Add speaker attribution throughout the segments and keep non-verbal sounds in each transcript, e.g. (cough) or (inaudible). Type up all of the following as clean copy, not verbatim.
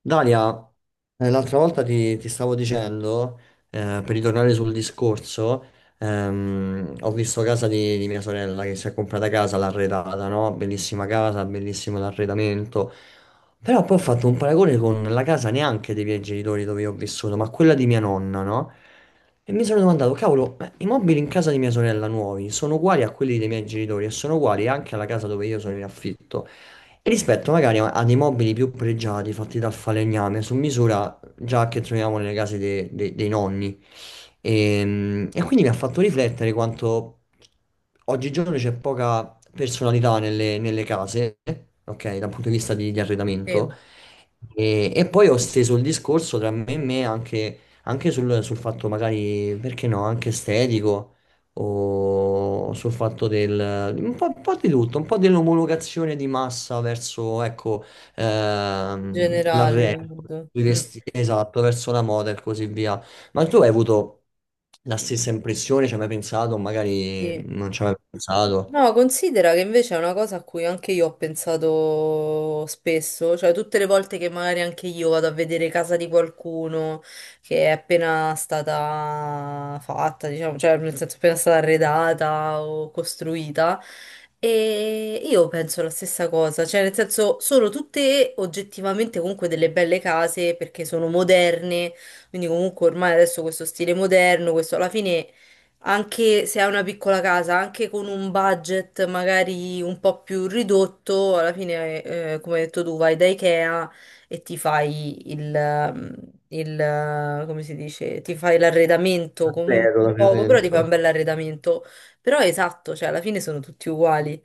Speaker 1: Dalia, l'altra volta ti stavo dicendo, per ritornare sul discorso, ho visto casa di mia sorella che si è comprata casa, l'ha arredata, no? Bellissima casa, bellissimo l'arredamento. Però poi ho fatto un paragone con la casa neanche dei miei genitori dove io ho vissuto, ma quella di mia nonna, no? E mi sono domandato, cavolo, ma i mobili in casa di mia sorella nuovi sono uguali a quelli dei miei genitori e sono uguali anche alla casa dove io sono in affitto. Rispetto magari a dei mobili più pregiati fatti dal falegname su misura già che troviamo nelle case dei nonni. E quindi mi ha fatto riflettere quanto oggigiorno c'è poca personalità nelle case, ok, dal punto di vista di
Speaker 2: Sì,
Speaker 1: arredamento.
Speaker 2: in
Speaker 1: E poi ho steso il discorso tra me e me anche, anche sul fatto magari, perché no, anche estetico. O sul fatto del un po' di tutto, un po' dell'omologazione di massa verso, ecco,
Speaker 2: generale,
Speaker 1: l'arredo,
Speaker 2: riguardo.
Speaker 1: i vestiti, esatto, verso la moda e così via. Ma tu hai avuto la stessa impressione? Ci hai mai pensato? Magari
Speaker 2: Sì.
Speaker 1: non ci hai mai pensato.
Speaker 2: No, considera che invece è una cosa a cui anche io ho pensato spesso, cioè tutte le volte che magari anche io vado a vedere casa di qualcuno che è appena stata fatta, diciamo, cioè nel senso appena stata arredata o costruita, e io penso la stessa cosa, cioè nel senso sono tutte oggettivamente comunque delle belle case perché sono moderne, quindi comunque ormai adesso questo stile moderno, questo alla fine anche se hai una piccola casa, anche con un budget magari un po' più ridotto, alla fine, come hai detto tu, vai da Ikea e ti fai il, il, come si dice, ti fai l'arredamento con
Speaker 1: Vero,
Speaker 2: un
Speaker 1: davvero
Speaker 2: poco, però ti fai un
Speaker 1: dentro.
Speaker 2: bel arredamento. Però è esatto, cioè alla fine sono tutti uguali.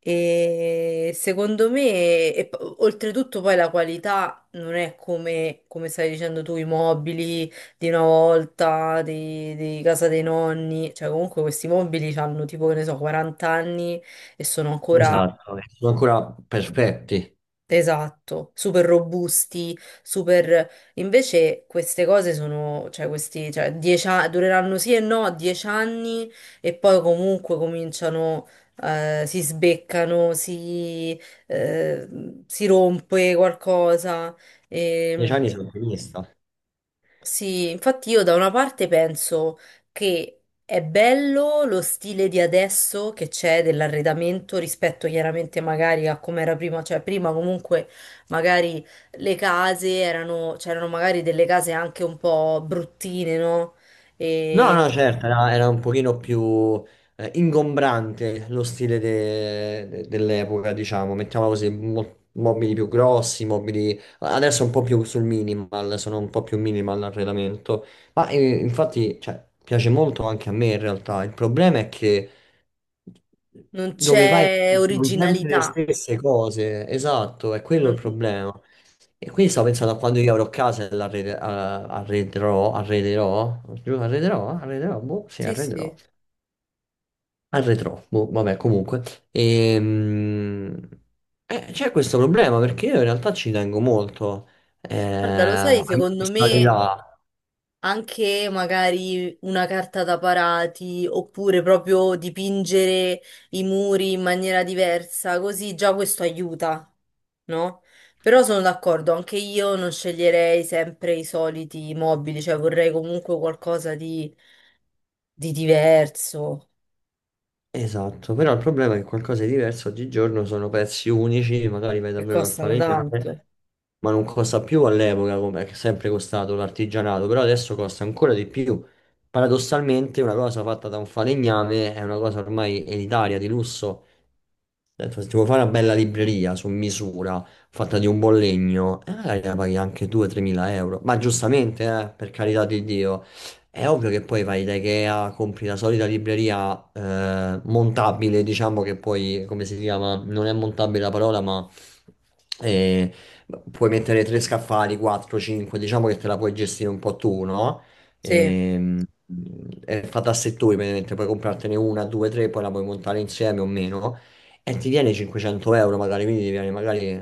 Speaker 2: E secondo me, oltretutto poi la qualità non è come, come stavi dicendo tu, i mobili di una volta, di casa dei nonni, cioè comunque questi mobili hanno tipo, che ne so, 40 anni e sono ancora,
Speaker 1: Esatto, Sono ancora perfetti.
Speaker 2: esatto, super robusti, super... Invece queste cose sono, cioè questi, dureranno sì e no 10 anni e poi comunque cominciano... si sbeccano, eh, si rompe qualcosa.
Speaker 1: Dieci
Speaker 2: E
Speaker 1: anni sono ottimista.
Speaker 2: sì, infatti io da una parte penso che è bello lo stile di adesso che c'è dell'arredamento rispetto chiaramente magari a come era prima, cioè prima comunque magari le case erano, c'erano magari delle case anche un po' bruttine, no?
Speaker 1: No,
Speaker 2: E
Speaker 1: no, certo, era un pochino più ingombrante lo stile dell'epoca, diciamo, mettiamola così, mobili più grossi, mobili. Adesso un po' più sul minimal, sono un po' più minimal l'arredamento, ma infatti, cioè, piace molto anche a me in realtà, il problema è che
Speaker 2: non
Speaker 1: dove vai
Speaker 2: c'è
Speaker 1: trovi sempre le
Speaker 2: originalità.
Speaker 1: stesse cose, esatto, è quello il
Speaker 2: non-
Speaker 1: problema. E quindi
Speaker 2: mm,
Speaker 1: stavo pensando a quando io avrò casa e arrederò, giù, arrederò, boh, sì,
Speaker 2: Sì,
Speaker 1: arrederò,
Speaker 2: sì.
Speaker 1: arredrò, boh, vabbè, comunque. Ehm, C'è questo problema perché io in realtà ci tengo molto
Speaker 2: Guarda, lo sai,
Speaker 1: a mia
Speaker 2: secondo me
Speaker 1: personalità.
Speaker 2: anche magari una carta da parati oppure proprio dipingere i muri in maniera diversa, così già questo aiuta, no? Però sono d'accordo, anche io non sceglierei sempre i soliti mobili, cioè vorrei comunque qualcosa di diverso,
Speaker 1: Esatto, però il problema è che qualcosa di diverso oggigiorno sono pezzi unici, magari vai
Speaker 2: che
Speaker 1: davvero dal
Speaker 2: costano
Speaker 1: falegname,
Speaker 2: tanto.
Speaker 1: ma non costa più all'epoca come è sempre costato l'artigianato, però adesso costa ancora di più. Paradossalmente una cosa fatta da un falegname è una cosa ormai elitaria, di lusso. Detto, se ti vuoi fare una bella libreria su misura, fatta di un buon legno, magari la paghi anche 2-3 mila euro, ma giustamente, per carità di Dio. È ovvio che poi vai da Ikea, compri la solita libreria montabile, diciamo che poi, come si chiama? Non è montabile la parola, ma eh, puoi mettere tre scaffali, 4, 5, diciamo che te la puoi gestire un po' tu, no?
Speaker 2: Sì,
Speaker 1: Ehm, è fatta a settori, praticamente puoi comprartene una, due, tre, poi la puoi montare insieme o meno, e ti viene 500 euro magari, quindi ti viene magari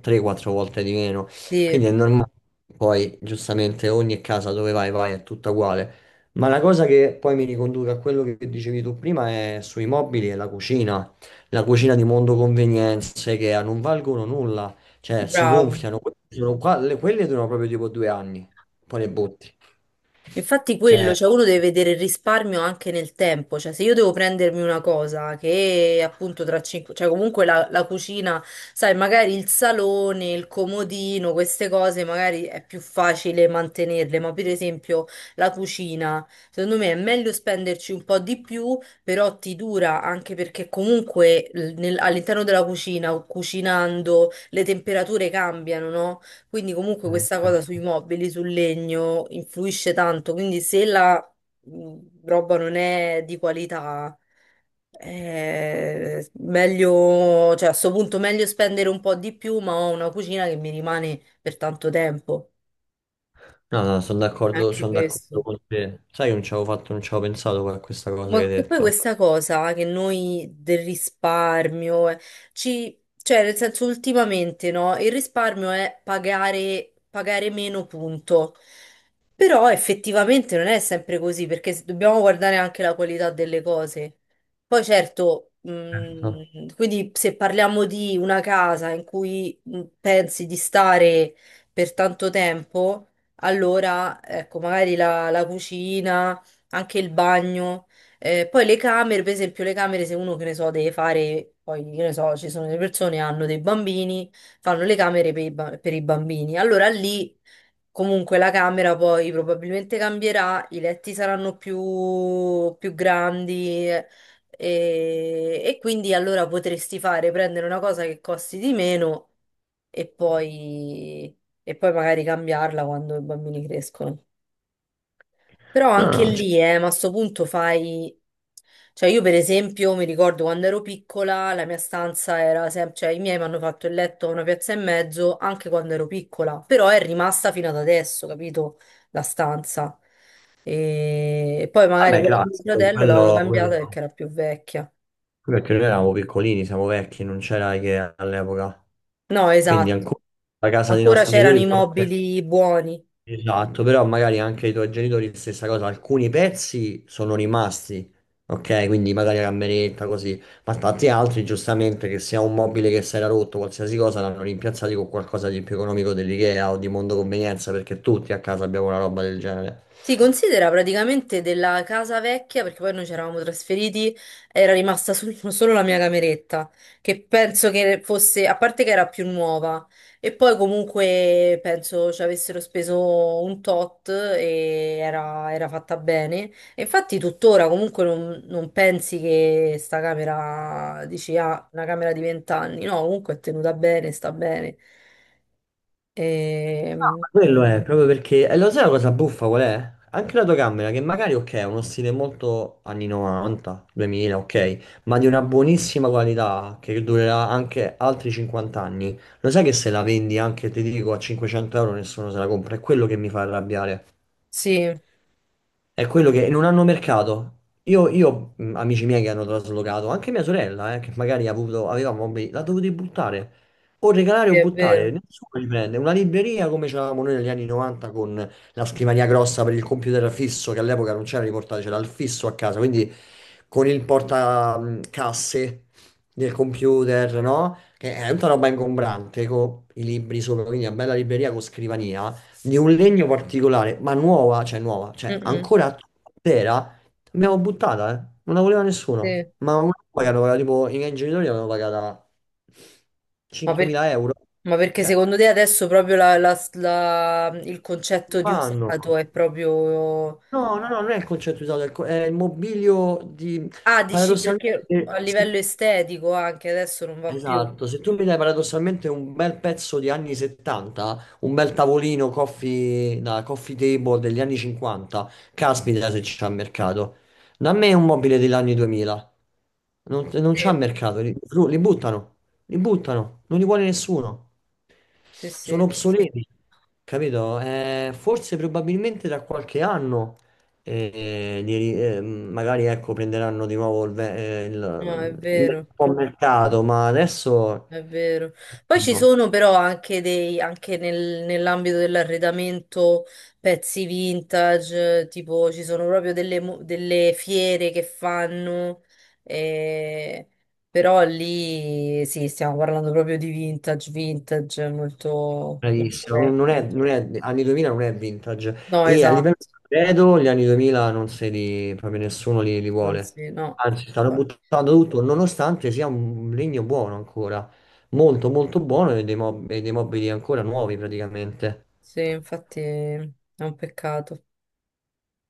Speaker 1: 3-4 volte di meno. Quindi
Speaker 2: sì,
Speaker 1: è normale, poi giustamente ogni casa dove vai vai è tutta uguale. Ma la cosa che poi mi riconduce a quello che dicevi tu prima è sui mobili e la cucina. La cucina di mondo convenienze che non valgono nulla, cioè si
Speaker 2: bravo.
Speaker 1: gonfiano, quelle durano proprio tipo 2 anni, poi le butti.
Speaker 2: Infatti
Speaker 1: Cioè,
Speaker 2: quello, cioè uno deve vedere il risparmio anche nel tempo, cioè se io devo prendermi una cosa che appunto tra cinque, cioè comunque la cucina, sai, magari il salone, il comodino, queste cose magari è più facile mantenerle, ma per esempio la cucina, secondo me è meglio spenderci un po' di più, però ti dura anche perché comunque all'interno della cucina, cucinando, le temperature cambiano, no? Quindi comunque questa cosa sui
Speaker 1: certo.
Speaker 2: mobili, sul legno, influisce tanto. Quindi se la mh, roba non è di qualità, è meglio, cioè a sto punto meglio spendere un po' di più, ma ho una cucina che mi rimane per tanto tempo.
Speaker 1: No, no,
Speaker 2: Anche
Speaker 1: sono
Speaker 2: questo.
Speaker 1: d'accordo con te. Sai, che non ci avevo fatto, non ci avevo pensato a questa cosa che
Speaker 2: Ma
Speaker 1: hai
Speaker 2: che poi
Speaker 1: detto.
Speaker 2: questa cosa che noi del risparmio, cioè nel senso ultimamente no, il risparmio è pagare, pagare meno punto, però effettivamente non è sempre così perché dobbiamo guardare anche la qualità delle cose. Poi certo,
Speaker 1: Certo.
Speaker 2: quindi se parliamo di una casa in cui pensi di stare per tanto tempo, allora ecco magari la cucina, anche il bagno. Poi le camere, per esempio, le camere, se uno che ne so, deve fare, poi che ne so, ci sono delle persone che hanno dei bambini, fanno le camere per per i bambini. Allora lì comunque la camera poi probabilmente cambierà, i letti saranno più grandi e quindi allora potresti fare, prendere una cosa che costi di meno e poi, e poi magari cambiarla quando i bambini crescono. Però
Speaker 1: No,
Speaker 2: anche
Speaker 1: no, cioè,
Speaker 2: lì, ma a sto punto fai... Cioè io per esempio mi ricordo quando ero piccola, la mia stanza era sempre... Cioè i miei mi hanno fatto il letto a una piazza e mezzo anche quando ero piccola, però è rimasta fino ad adesso, capito? La stanza. E poi magari
Speaker 1: vabbè,
Speaker 2: quella di mio
Speaker 1: classico,
Speaker 2: fratello l'avevano cambiata perché
Speaker 1: no.
Speaker 2: era più vecchia.
Speaker 1: Quello perché noi eravamo piccolini, siamo vecchi, non c'era IKEA all'epoca.
Speaker 2: No,
Speaker 1: Quindi
Speaker 2: esatto.
Speaker 1: ancora la casa dei
Speaker 2: Ancora
Speaker 1: nostri
Speaker 2: c'erano
Speaker 1: genitori,
Speaker 2: i mobili buoni.
Speaker 1: esatto, però magari anche i tuoi genitori stessa cosa, alcuni pezzi sono rimasti, ok? Quindi magari la cameretta, così, ma tanti altri giustamente che sia un mobile che si era rotto, qualsiasi cosa, l'hanno rimpiazzati con qualcosa di più economico dell'IKEA o di Mondo Convenienza, perché tutti a casa abbiamo una roba del genere.
Speaker 2: Si considera praticamente della casa vecchia, perché poi noi ci eravamo trasferiti, era rimasta (laughs) solo la mia cameretta, che penso che fosse, a parte che era più nuova, e poi comunque penso ci avessero speso un tot e era, era fatta bene. E infatti tuttora comunque non, non pensi che sta camera, dici, ah, una camera di vent'anni, no, comunque è tenuta bene, sta bene. Ehm,
Speaker 1: Quello è proprio perché, e lo sai la cosa buffa qual è? Anche la tua camera, che magari ok, è uno stile molto anni 90, 2000, ok, ma di una buonissima qualità che durerà anche altri 50 anni. Lo sai che se la vendi anche, ti dico, a 500 euro nessuno se la compra? È quello che mi fa arrabbiare.
Speaker 2: sì,
Speaker 1: È quello che non hanno mercato. Amici miei che hanno traslocato, anche mia sorella, che magari ha avuto, aveva mobili, l'ha dovuta buttare. O regalare
Speaker 2: sì,
Speaker 1: o
Speaker 2: è
Speaker 1: buttare,
Speaker 2: vero.
Speaker 1: nessuno li prende. Una libreria come c'avevamo noi negli anni 90 con la scrivania grossa per il computer fisso, che all'epoca non c'era riportato, c'era il fisso a casa, quindi con il portacasse del computer, no? Che è tutta roba ingombrante, con i libri sopra, quindi una bella libreria con scrivania, di un legno particolare, ma nuova,
Speaker 2: Mm,
Speaker 1: cioè
Speaker 2: mm,
Speaker 1: ancora intera, l'abbiamo buttata, eh. Non la voleva
Speaker 2: sì.
Speaker 1: nessuno, ma una roba che hanno pagato, tipo, i miei genitori l'hanno pagata
Speaker 2: Ma, per-
Speaker 1: 5.000 euro,
Speaker 2: ma perché
Speaker 1: cioè,
Speaker 2: secondo te adesso proprio il
Speaker 1: non
Speaker 2: concetto di
Speaker 1: vanno.
Speaker 2: usato è proprio...
Speaker 1: No, no, no, non è il concetto usato, è il è il mobilio di,
Speaker 2: Ah, dici perché a
Speaker 1: paradossalmente,
Speaker 2: livello estetico anche adesso non va più.
Speaker 1: esatto, se tu mi dai paradossalmente un bel pezzo di anni 70, un bel tavolino coffee, da coffee table degli anni 50, caspita se c'è mercato. Da me un mobile degli anni 2000, non c'è
Speaker 2: Sì,
Speaker 1: mercato, li buttano, li buttano, non li vuole nessuno.
Speaker 2: sì,
Speaker 1: Sono
Speaker 2: sì.
Speaker 1: obsoleti, capito? Forse probabilmente tra qualche anno e magari ecco, prenderanno di nuovo il, ve- eh,
Speaker 2: No,
Speaker 1: il,
Speaker 2: è
Speaker 1: il
Speaker 2: vero.
Speaker 1: buon mercato, ma adesso
Speaker 2: È vero. Poi ci
Speaker 1: no,
Speaker 2: sono però anche dei, nell'ambito dell'arredamento pezzi vintage, tipo ci sono proprio delle, delle fiere che fanno, eh, però lì sì, stiamo parlando proprio di vintage, vintage molto, molto
Speaker 1: bravissimo, non non è,
Speaker 2: vecchio.
Speaker 1: non è- anni 2000 non è vintage
Speaker 2: No,
Speaker 1: e a livello
Speaker 2: esatto,
Speaker 1: credo gli anni 2000 non se li, proprio nessuno li
Speaker 2: non
Speaker 1: vuole,
Speaker 2: si, no.
Speaker 1: anzi stanno buttando tutto nonostante sia un legno buono ancora, molto molto buono e e dei mobili ancora nuovi praticamente.
Speaker 2: Sì, infatti è un peccato.